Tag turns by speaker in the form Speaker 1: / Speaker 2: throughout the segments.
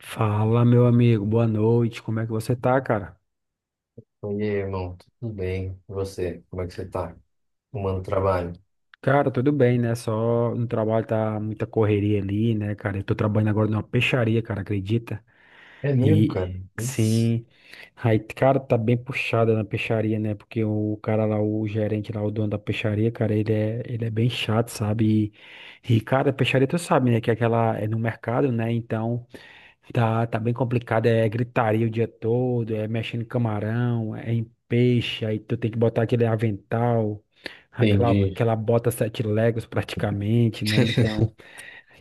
Speaker 1: Fala, meu amigo, boa noite. Como é que você tá, cara?
Speaker 2: E aí, irmão, tudo bem? E você? Como é que você tá? Arrumando trabalho?
Speaker 1: Cara, tudo bem, né? Só no trabalho tá muita correria ali, né, cara? Eu tô trabalhando agora numa peixaria, cara, acredita?
Speaker 2: É mesmo, cara?
Speaker 1: E
Speaker 2: Putz.
Speaker 1: sim, aí, cara, tá bem puxada na peixaria, né? Porque o cara lá, o gerente lá, o dono da peixaria, cara, ele é bem chato, sabe? E, cara, peixaria tu sabe, né? Que é aquela é no mercado, né? Então. Tá bem complicado, é gritaria o dia todo, é mexendo em camarão, é em peixe, aí tu tem que botar aquele avental, aquela,
Speaker 2: Entendi.
Speaker 1: aquela bota 7 legos praticamente, né? Então,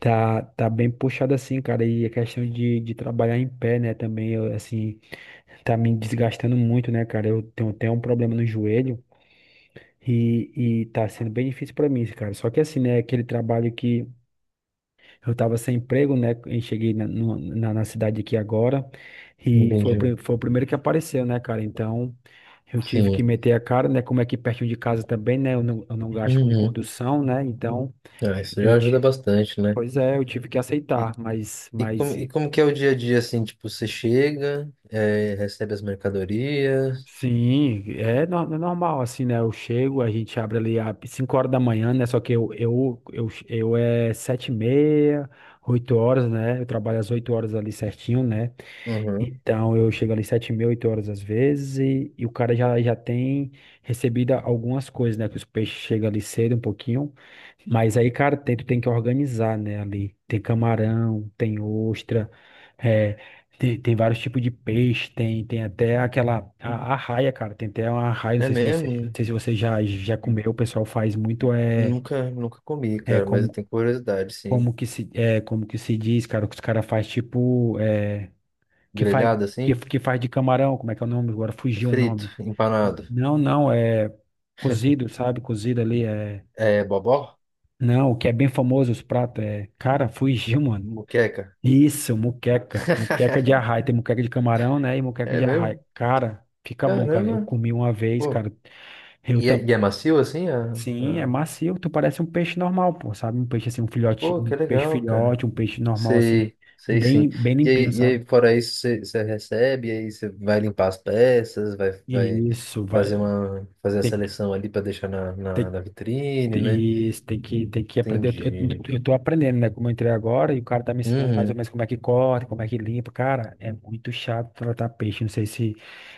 Speaker 1: tá bem puxado assim, cara, e a questão de trabalhar em pé, né, também, eu, assim, tá me desgastando muito, né, cara? Eu tenho até um problema no joelho e tá sendo bem difícil pra mim, cara. Só que assim, né, aquele trabalho que eu estava sem emprego, né? E cheguei na, no- na, na cidade aqui agora. E foi,
Speaker 2: Entendi.
Speaker 1: foi o primeiro que apareceu, né, cara? Então, eu tive
Speaker 2: Sim.
Speaker 1: que meter a cara, né? Como é aqui pertinho de casa também, né? Eu não gasto com
Speaker 2: Uhum.
Speaker 1: condução, né? Então,
Speaker 2: Ah, isso
Speaker 1: eu
Speaker 2: já ajuda
Speaker 1: tive.
Speaker 2: bastante, né?
Speaker 1: Pois é, eu tive que
Speaker 2: E,
Speaker 1: aceitar. Mas,
Speaker 2: e, como,
Speaker 1: mas
Speaker 2: e como que é o dia a dia, assim? Tipo, você chega, recebe as mercadorias.
Speaker 1: sim, é normal, assim, né? Eu chego, a gente abre ali às 5 horas da manhã, né? Só que eu é 7h30, 8 horas, né? Eu trabalho às 8 horas ali certinho, né?
Speaker 2: Uhum.
Speaker 1: Então, eu chego ali sete mil, oito horas às vezes, e o cara já tem recebido algumas coisas, né? Que os peixes chegam ali cedo um pouquinho. Mas aí, cara, tu tem que organizar, né? Ali tem camarão, tem ostra, é, tem vários tipos de peixe, tem até aquela arraia, cara. Tem até uma arraia,
Speaker 2: É
Speaker 1: não
Speaker 2: mesmo?
Speaker 1: sei se você já comeu, o pessoal faz muito, é,
Speaker 2: Nunca comi,
Speaker 1: é
Speaker 2: cara, mas eu
Speaker 1: como,
Speaker 2: tenho curiosidade, sim.
Speaker 1: como que se diz, cara, que os caras faz tipo. Que faz
Speaker 2: Grelhado, assim?
Speaker 1: que faz de camarão, como é que é o nome? Agora fugiu o
Speaker 2: Frito,
Speaker 1: nome.
Speaker 2: empanado.
Speaker 1: Não, não, é cozido, sabe? Cozido ali é.
Speaker 2: É, bobó?
Speaker 1: Não, o que é bem famoso os pratos é, cara, fugiu, mano.
Speaker 2: Moqueca?
Speaker 1: Isso, muqueca, muqueca de arraia, tem muqueca de camarão, né? E muqueca
Speaker 2: É
Speaker 1: de arraia.
Speaker 2: mesmo?
Speaker 1: Cara, fica bom, cara. Eu
Speaker 2: Caramba,
Speaker 1: comi uma vez,
Speaker 2: pô.
Speaker 1: cara. Eu
Speaker 2: E é,
Speaker 1: também.
Speaker 2: e é macio assim?
Speaker 1: Sim, é macio, tu parece um peixe normal, pô, sabe? Um peixe assim, um
Speaker 2: Pô, que legal, cara.
Speaker 1: filhote, um peixe normal assim,
Speaker 2: Sei, sei sim.
Speaker 1: bem bem
Speaker 2: E
Speaker 1: limpinho,
Speaker 2: aí, e
Speaker 1: sabe?
Speaker 2: aí fora isso, você recebe, e aí você vai limpar as peças, vai
Speaker 1: Isso,
Speaker 2: fazer
Speaker 1: vai.
Speaker 2: fazer a
Speaker 1: Tem, que-
Speaker 2: seleção ali para deixar na, na,
Speaker 1: tem,
Speaker 2: na vitrine, né?
Speaker 1: E você tem que aprender. Eu, eu,
Speaker 2: Entendi.
Speaker 1: eu tô aprendendo, né? Como eu entrei agora e o cara tá me ensinando mais ou
Speaker 2: Uhum,
Speaker 1: menos como é que corta, como é que limpa. Cara, é muito chato tratar peixe. Não sei se,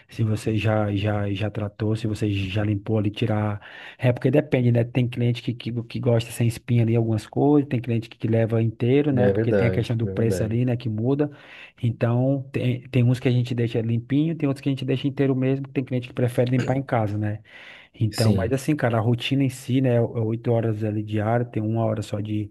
Speaker 1: se você já tratou, se você já limpou ali, tirar. É porque depende, né? Tem cliente que gosta sem espinha ali algumas coisas, tem cliente que leva inteiro, né? Porque tem a questão do
Speaker 2: é
Speaker 1: preço
Speaker 2: verdade.
Speaker 1: ali, né? Que muda. Então, tem, tem uns que a gente deixa limpinho, tem outros que a gente deixa inteiro mesmo. Tem cliente que prefere limpar em casa, né? Então, mas
Speaker 2: Sim,
Speaker 1: assim, cara, a rotina em si, né, é 8 horas ali diária, tem uma hora só de,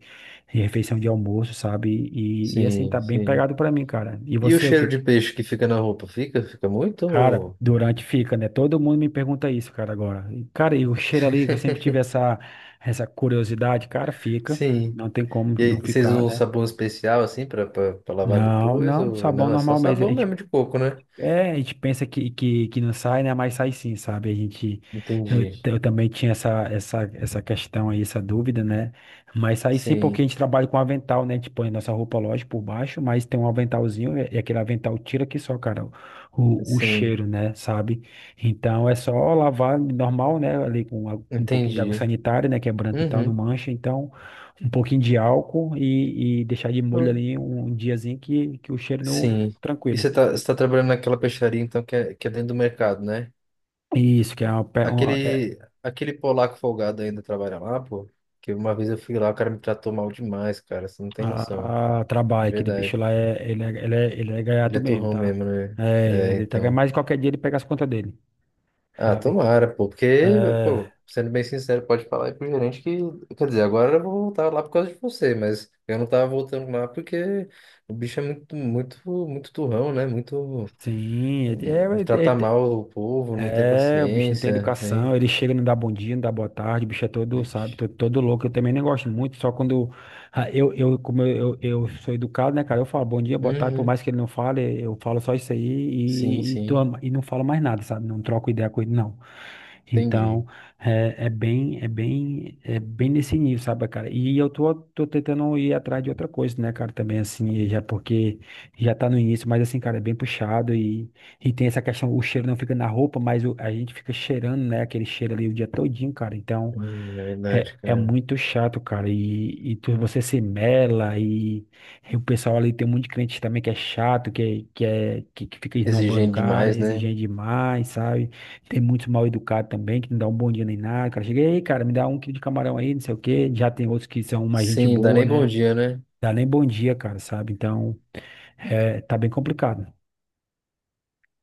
Speaker 1: de refeição de almoço, sabe? E, assim,
Speaker 2: sim,
Speaker 1: tá bem
Speaker 2: sim.
Speaker 1: pegado pra mim, cara. E
Speaker 2: E o
Speaker 1: você, o
Speaker 2: cheiro
Speaker 1: que?
Speaker 2: de peixe que fica na roupa? Fica? Fica muito?
Speaker 1: Cara,
Speaker 2: Ou-
Speaker 1: durante fica, né? Todo mundo me pergunta isso, cara, agora. E, cara, e o cheiro ali, que eu sempre tive essa curiosidade, cara, fica.
Speaker 2: Sim.
Speaker 1: Não tem como
Speaker 2: E
Speaker 1: não
Speaker 2: aí, vocês
Speaker 1: ficar,
Speaker 2: usam um
Speaker 1: né?
Speaker 2: sabão especial assim pra lavar
Speaker 1: Não,
Speaker 2: depois?
Speaker 1: não,
Speaker 2: Ou
Speaker 1: sabão
Speaker 2: não? É só
Speaker 1: normal mesmo. A
Speaker 2: sabão
Speaker 1: gente...
Speaker 2: mesmo de coco, né?
Speaker 1: É, a gente pensa que não sai, né? Mas sai sim, sabe? A gente, eu,
Speaker 2: Entendi.
Speaker 1: t- eu também tinha essa questão aí, essa dúvida, né? Mas sai sim porque
Speaker 2: Sim,
Speaker 1: a gente trabalha com avental, né? A gente põe nossa roupa, lógico, por baixo, mas tem um aventalzinho e aquele avental tira que só, cara, o
Speaker 2: sim,
Speaker 1: cheiro, né? Sabe? Então é só lavar normal, né? Ali com um pouquinho de água
Speaker 2: entendi.
Speaker 1: sanitária, né? Que é branca e tal, não
Speaker 2: Uhum.
Speaker 1: mancha. Então, um pouquinho de álcool e deixar de molho
Speaker 2: Eu-
Speaker 1: ali um, um diazinho que o cheiro não...
Speaker 2: Sim.
Speaker 1: Tranquilo.
Speaker 2: Você tá trabalhando naquela peixaria então que é dentro do mercado, né?
Speaker 1: Isso, que é uma, uma- é,
Speaker 2: Aquele, aquele polaco folgado ainda trabalha lá, pô. Que uma vez eu fui lá, o cara me tratou mal demais, cara. Você não tem noção.
Speaker 1: a trabalho, aquele bicho
Speaker 2: Verdade.
Speaker 1: lá, é, ele é
Speaker 2: Ele
Speaker 1: gaiato
Speaker 2: é
Speaker 1: mesmo,
Speaker 2: turrão
Speaker 1: tá?
Speaker 2: mesmo, né?
Speaker 1: É,
Speaker 2: É,
Speaker 1: ele tá,
Speaker 2: então.
Speaker 1: mas qualquer dia ele pega as contas dele,
Speaker 2: Ah,
Speaker 1: sabe?
Speaker 2: tomara, pô, porque,
Speaker 1: É,
Speaker 2: pô, sendo bem sincero, pode falar aí pro gerente que, quer dizer, agora eu vou voltar lá por causa de você, mas eu não tava voltando lá porque o bicho é muito turrão, né? Muito,
Speaker 1: sim, é,
Speaker 2: um, trata
Speaker 1: é, é,
Speaker 2: mal o povo, não tem
Speaker 1: é, o bicho não tem
Speaker 2: paciência,
Speaker 1: educação,
Speaker 2: hein?
Speaker 1: ele chega e não dá bom dia, não dá boa tarde, o bicho é todo, sabe,
Speaker 2: Vixe.
Speaker 1: todo, todo louco. Eu também não gosto muito, só quando ah, eu, eu sou educado, né, cara, eu falo bom dia, boa tarde, por
Speaker 2: Uhum.
Speaker 1: mais que ele não fale, eu falo só isso aí
Speaker 2: Sim, sim,
Speaker 1: e não falo mais nada, sabe, não troco ideia com ele, não.
Speaker 2: entendi.
Speaker 1: Então, é bem nesse nível, sabe, cara? E eu tô tentando ir atrás de outra coisa, né, cara, também, assim, já porque já tá no início, mas assim, cara, é bem puxado e tem essa questão, o cheiro não fica na roupa, mas a gente fica cheirando, né? Aquele cheiro ali o dia todinho, cara. Então
Speaker 2: É
Speaker 1: é,
Speaker 2: verdade,
Speaker 1: é
Speaker 2: cara.
Speaker 1: muito chato, cara. E tu, você se mela e o pessoal ali tem um monte de crente também que é chato, que fica esnobando o
Speaker 2: Exigente
Speaker 1: cara,
Speaker 2: demais, né?
Speaker 1: exigente demais, sabe? Tem muito mal educado também, que não dá um bom dia nem nada. Cara, chega aí, cara, me dá 1 quilo de camarão aí, não sei o quê. Já tem outros que são mais gente
Speaker 2: Sim, dá
Speaker 1: boa,
Speaker 2: nem bom
Speaker 1: né?
Speaker 2: dia, né?
Speaker 1: Dá nem bom dia, cara, sabe? Então é, tá bem complicado.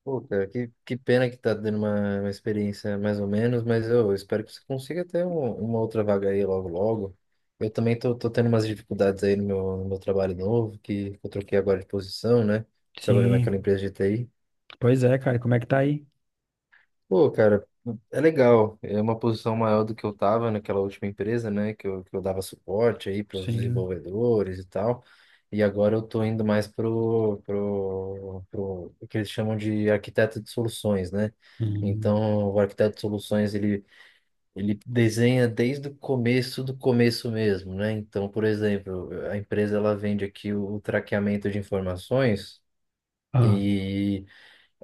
Speaker 2: Pô, cara, que pena que tá dando uma experiência mais ou menos, mas eu espero que você consiga ter um- uma outra vaga aí logo logo. Eu também tô tendo umas dificuldades aí no meu, no meu trabalho novo, que eu troquei agora de posição, né? Trabalhando naquela
Speaker 1: Sim,
Speaker 2: empresa de TI.
Speaker 1: pois é, cara, como é que tá aí?
Speaker 2: Pô, cara, é legal. É uma posição maior do que eu tava naquela última empresa, né? Que eu dava suporte aí para os
Speaker 1: Sim.
Speaker 2: desenvolvedores e tal. E agora eu tô indo mais o que eles chamam de arquiteto de soluções, né?
Speaker 1: Hum.
Speaker 2: Então, o arquiteto de soluções, ele desenha desde o começo do começo mesmo, né? Então, por exemplo, a empresa, ela vende aqui o traqueamento de informações.
Speaker 1: Ah.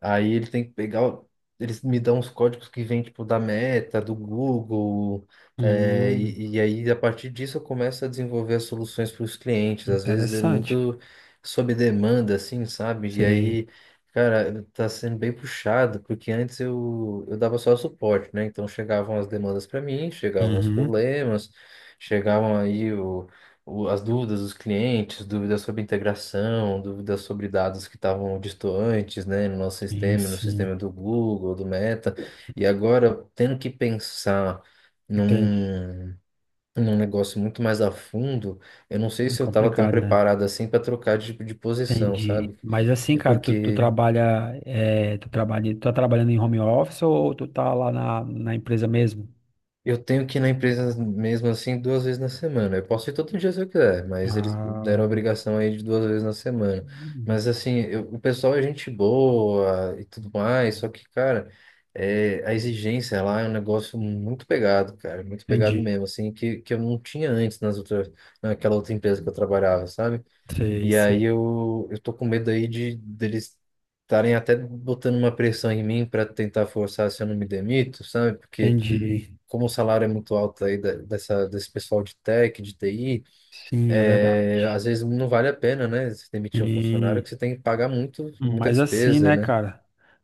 Speaker 2: Aí ele tem que pegar. Eles me dão os códigos que vêm, tipo, da Meta, do Google.
Speaker 1: Hum.
Speaker 2: E aí, a partir disso, eu começo a desenvolver as soluções para os clientes. Às vezes é
Speaker 1: Interessante.
Speaker 2: muito sob demanda, assim, sabe? E
Speaker 1: Sei.
Speaker 2: aí, cara, tá sendo bem puxado, porque antes eu dava só suporte, né? Então chegavam as demandas para mim, chegavam os
Speaker 1: Uhum.
Speaker 2: problemas, chegavam aí as dúvidas dos clientes, dúvidas sobre integração, dúvidas sobre dados que estavam distantes, né, no nosso
Speaker 1: Sim,
Speaker 2: sistema, no
Speaker 1: sim.
Speaker 2: sistema do Google, do Meta, e agora tendo que pensar
Speaker 1: Entendi.
Speaker 2: num, num negócio muito mais a fundo, eu não sei
Speaker 1: É
Speaker 2: se eu estava tão
Speaker 1: complicado, né?
Speaker 2: preparado assim para trocar de posição,
Speaker 1: Entendi.
Speaker 2: sabe?
Speaker 1: Mas assim,
Speaker 2: É.
Speaker 1: cara, tu, tu
Speaker 2: Porque
Speaker 1: trabalha, é, tu trabalha, tu tá trabalhando em home office ou tu tá lá na empresa mesmo?
Speaker 2: eu tenho que ir na empresa mesmo assim duas vezes na semana. Eu posso ir todo dia se eu quiser, mas eles deram a
Speaker 1: Ah,
Speaker 2: obrigação aí de duas vezes na semana. Mas assim, eu- o pessoal é gente boa e tudo mais, só que, cara, a exigência lá é um negócio muito pegado, cara, muito pegado
Speaker 1: entendi.
Speaker 2: mesmo, assim, que eu não tinha antes nas outras, naquela outra empresa que eu trabalhava, sabe?
Speaker 1: Sei,
Speaker 2: E
Speaker 1: sei.
Speaker 2: aí eu tô com medo aí de deles estarem até botando uma pressão em mim para tentar forçar se eu não me demito, sabe? Porque
Speaker 1: Entendi.
Speaker 2: como o salário é muito alto aí desse pessoal de tech, de TI,
Speaker 1: Sim, é verdade.
Speaker 2: é, às vezes não vale a pena, né? Você demitir um funcionário
Speaker 1: Sim.
Speaker 2: que você tem que pagar muito, muita
Speaker 1: Mas assim,
Speaker 2: despesa,
Speaker 1: né,
Speaker 2: né?
Speaker 1: cara?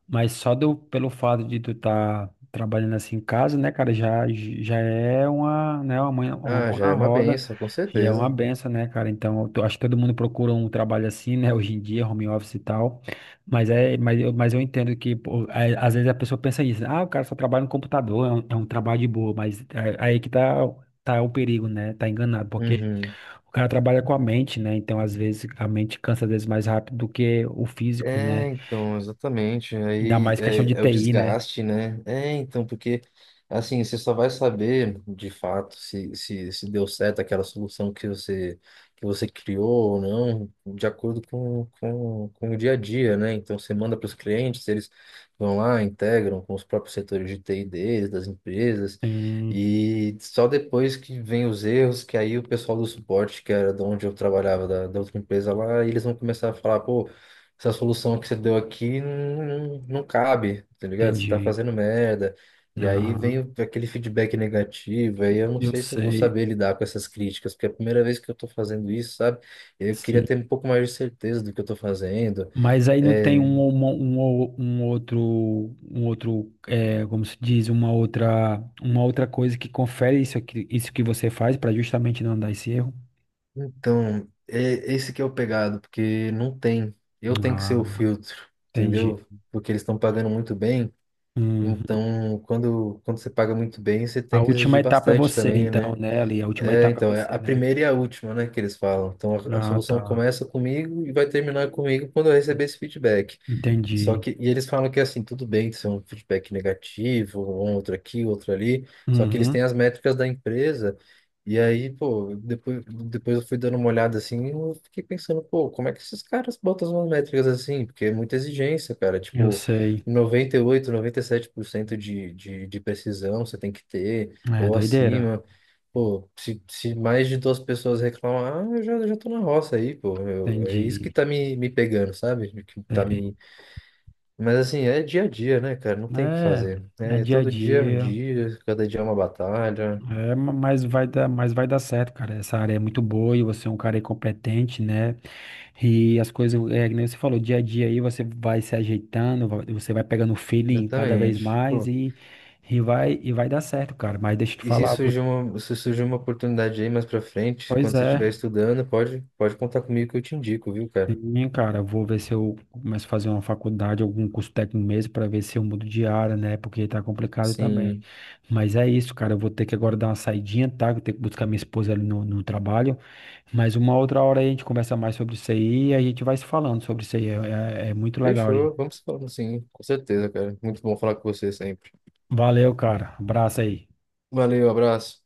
Speaker 1: Mas só pelo fato de tu tá trabalhando assim em casa, né, cara, já é uma
Speaker 2: Ah,
Speaker 1: mão
Speaker 2: já
Speaker 1: na
Speaker 2: é uma
Speaker 1: roda,
Speaker 2: benção, com
Speaker 1: já é uma
Speaker 2: certeza.
Speaker 1: benção, né, cara? Então, eu tô... acho que todo mundo procura um trabalho assim, né, hoje em dia, home office e tal. Mas é, mas eu entendo que, pô, é, às vezes a pessoa pensa isso, ah, o cara só trabalha no computador, é um trabalho de boa, mas aí que tá, o perigo, né? Tá enganado, porque
Speaker 2: Uhum.
Speaker 1: o cara trabalha com a mente, né? Então, às vezes, a mente cansa às vezes mais rápido do que o físico, né?
Speaker 2: É, então, exatamente.
Speaker 1: Ainda
Speaker 2: Aí
Speaker 1: mais questão de
Speaker 2: é, é o
Speaker 1: TI, né?
Speaker 2: desgaste, né? É, então, porque assim, você só vai saber de fato se, se deu certo aquela solução que você criou ou não, de acordo com o dia a dia, né? Então, você manda para os clientes, eles vão lá, integram com os próprios setores de TI deles, das empresas,
Speaker 1: Hum,
Speaker 2: e só depois que vem os erros, que aí o pessoal do suporte, que era de onde eu trabalhava, da outra empresa lá, eles vão começar a falar, pô, essa solução que você deu aqui não, não cabe, tá ligado? Você tá
Speaker 1: entendi.
Speaker 2: fazendo merda. E aí vem
Speaker 1: Aham,
Speaker 2: aquele feedback negativo, aí eu não
Speaker 1: eu
Speaker 2: sei se eu vou
Speaker 1: sei.
Speaker 2: saber lidar com essas críticas, porque é a primeira vez que eu tô fazendo isso, sabe? Eu queria
Speaker 1: Sim.
Speaker 2: ter um pouco mais de certeza do que eu tô fazendo.
Speaker 1: Mas aí não tem
Speaker 2: É,
Speaker 1: um outro, é, como se diz, uma outra coisa que confere isso aqui, isso que você faz para justamente não dar esse erro.
Speaker 2: então, é, esse que é o pegado, porque não tem. Eu tenho que ser
Speaker 1: Ah,
Speaker 2: o filtro,
Speaker 1: entendi.
Speaker 2: entendeu? Porque eles estão pagando muito bem.
Speaker 1: Uhum.
Speaker 2: Então, quando você paga muito bem, você
Speaker 1: A
Speaker 2: tem que
Speaker 1: última
Speaker 2: exigir
Speaker 1: etapa é
Speaker 2: bastante
Speaker 1: você,
Speaker 2: também,
Speaker 1: então,
Speaker 2: né?
Speaker 1: né, Ali? A última
Speaker 2: É,
Speaker 1: etapa é
Speaker 2: então, é
Speaker 1: você,
Speaker 2: a
Speaker 1: né?
Speaker 2: primeira e a última, né, que eles falam. Então, a
Speaker 1: Ah,
Speaker 2: solução
Speaker 1: tá.
Speaker 2: começa comigo e vai terminar comigo quando eu receber esse feedback. Só
Speaker 1: Entendi.
Speaker 2: que, e eles falam que assim, tudo bem, isso é um feedback negativo, um outro aqui, outro ali, só que eles
Speaker 1: Uhum,
Speaker 2: têm as métricas da empresa, e aí, pô, depois eu fui dando uma olhada assim, e eu fiquei pensando, pô, como é que esses caras botam umas métricas assim? Porque é muita exigência, cara,
Speaker 1: eu
Speaker 2: tipo,
Speaker 1: sei.
Speaker 2: 98, 97% de precisão você tem que ter,
Speaker 1: É
Speaker 2: ou
Speaker 1: doideira.
Speaker 2: acima. Pô, se mais de duas pessoas reclamar, ah, eu já tô na roça aí, pô. Eu- é isso que
Speaker 1: Entendi.
Speaker 2: tá me, me pegando, sabe? Que tá
Speaker 1: Sei.
Speaker 2: me, mas assim, é dia a dia, né, cara? Não tem o que
Speaker 1: É,
Speaker 2: fazer,
Speaker 1: é
Speaker 2: né? É,
Speaker 1: dia a
Speaker 2: todo dia é um
Speaker 1: dia.
Speaker 2: dia, cada dia é uma batalha.
Speaker 1: É, mas mas vai dar certo, cara. Essa área é muito boa e você é um cara aí competente, né? E as coisas, é, que nem você falou, dia a dia aí você vai se ajeitando, você vai pegando o feeling cada vez
Speaker 2: Exatamente.
Speaker 1: mais
Speaker 2: Pô,
Speaker 1: e vai dar certo, cara. Mas deixa eu te
Speaker 2: e se
Speaker 1: falar,
Speaker 2: surgir uma, se surgir uma oportunidade aí mais pra frente,
Speaker 1: pois
Speaker 2: quando você estiver
Speaker 1: é.
Speaker 2: estudando, pode, pode contar comigo que eu te indico, viu, cara?
Speaker 1: Sim, cara, eu vou ver se eu começo a fazer uma faculdade, algum curso técnico mesmo, para ver se eu mudo de área, né? Porque tá complicado também.
Speaker 2: Sim.
Speaker 1: Mas é isso, cara, eu vou ter que agora dar uma saidinha, tá? Que eu tenho que buscar minha esposa ali no trabalho. Mas uma outra hora aí a gente conversa mais sobre isso aí e a gente vai se falando sobre isso aí. É, é muito legal aí.
Speaker 2: Fechou. Vamos falando, sim. Com certeza, cara. Muito bom falar com você sempre.
Speaker 1: Valeu, cara. Abraço aí.
Speaker 2: Valeu, abraço.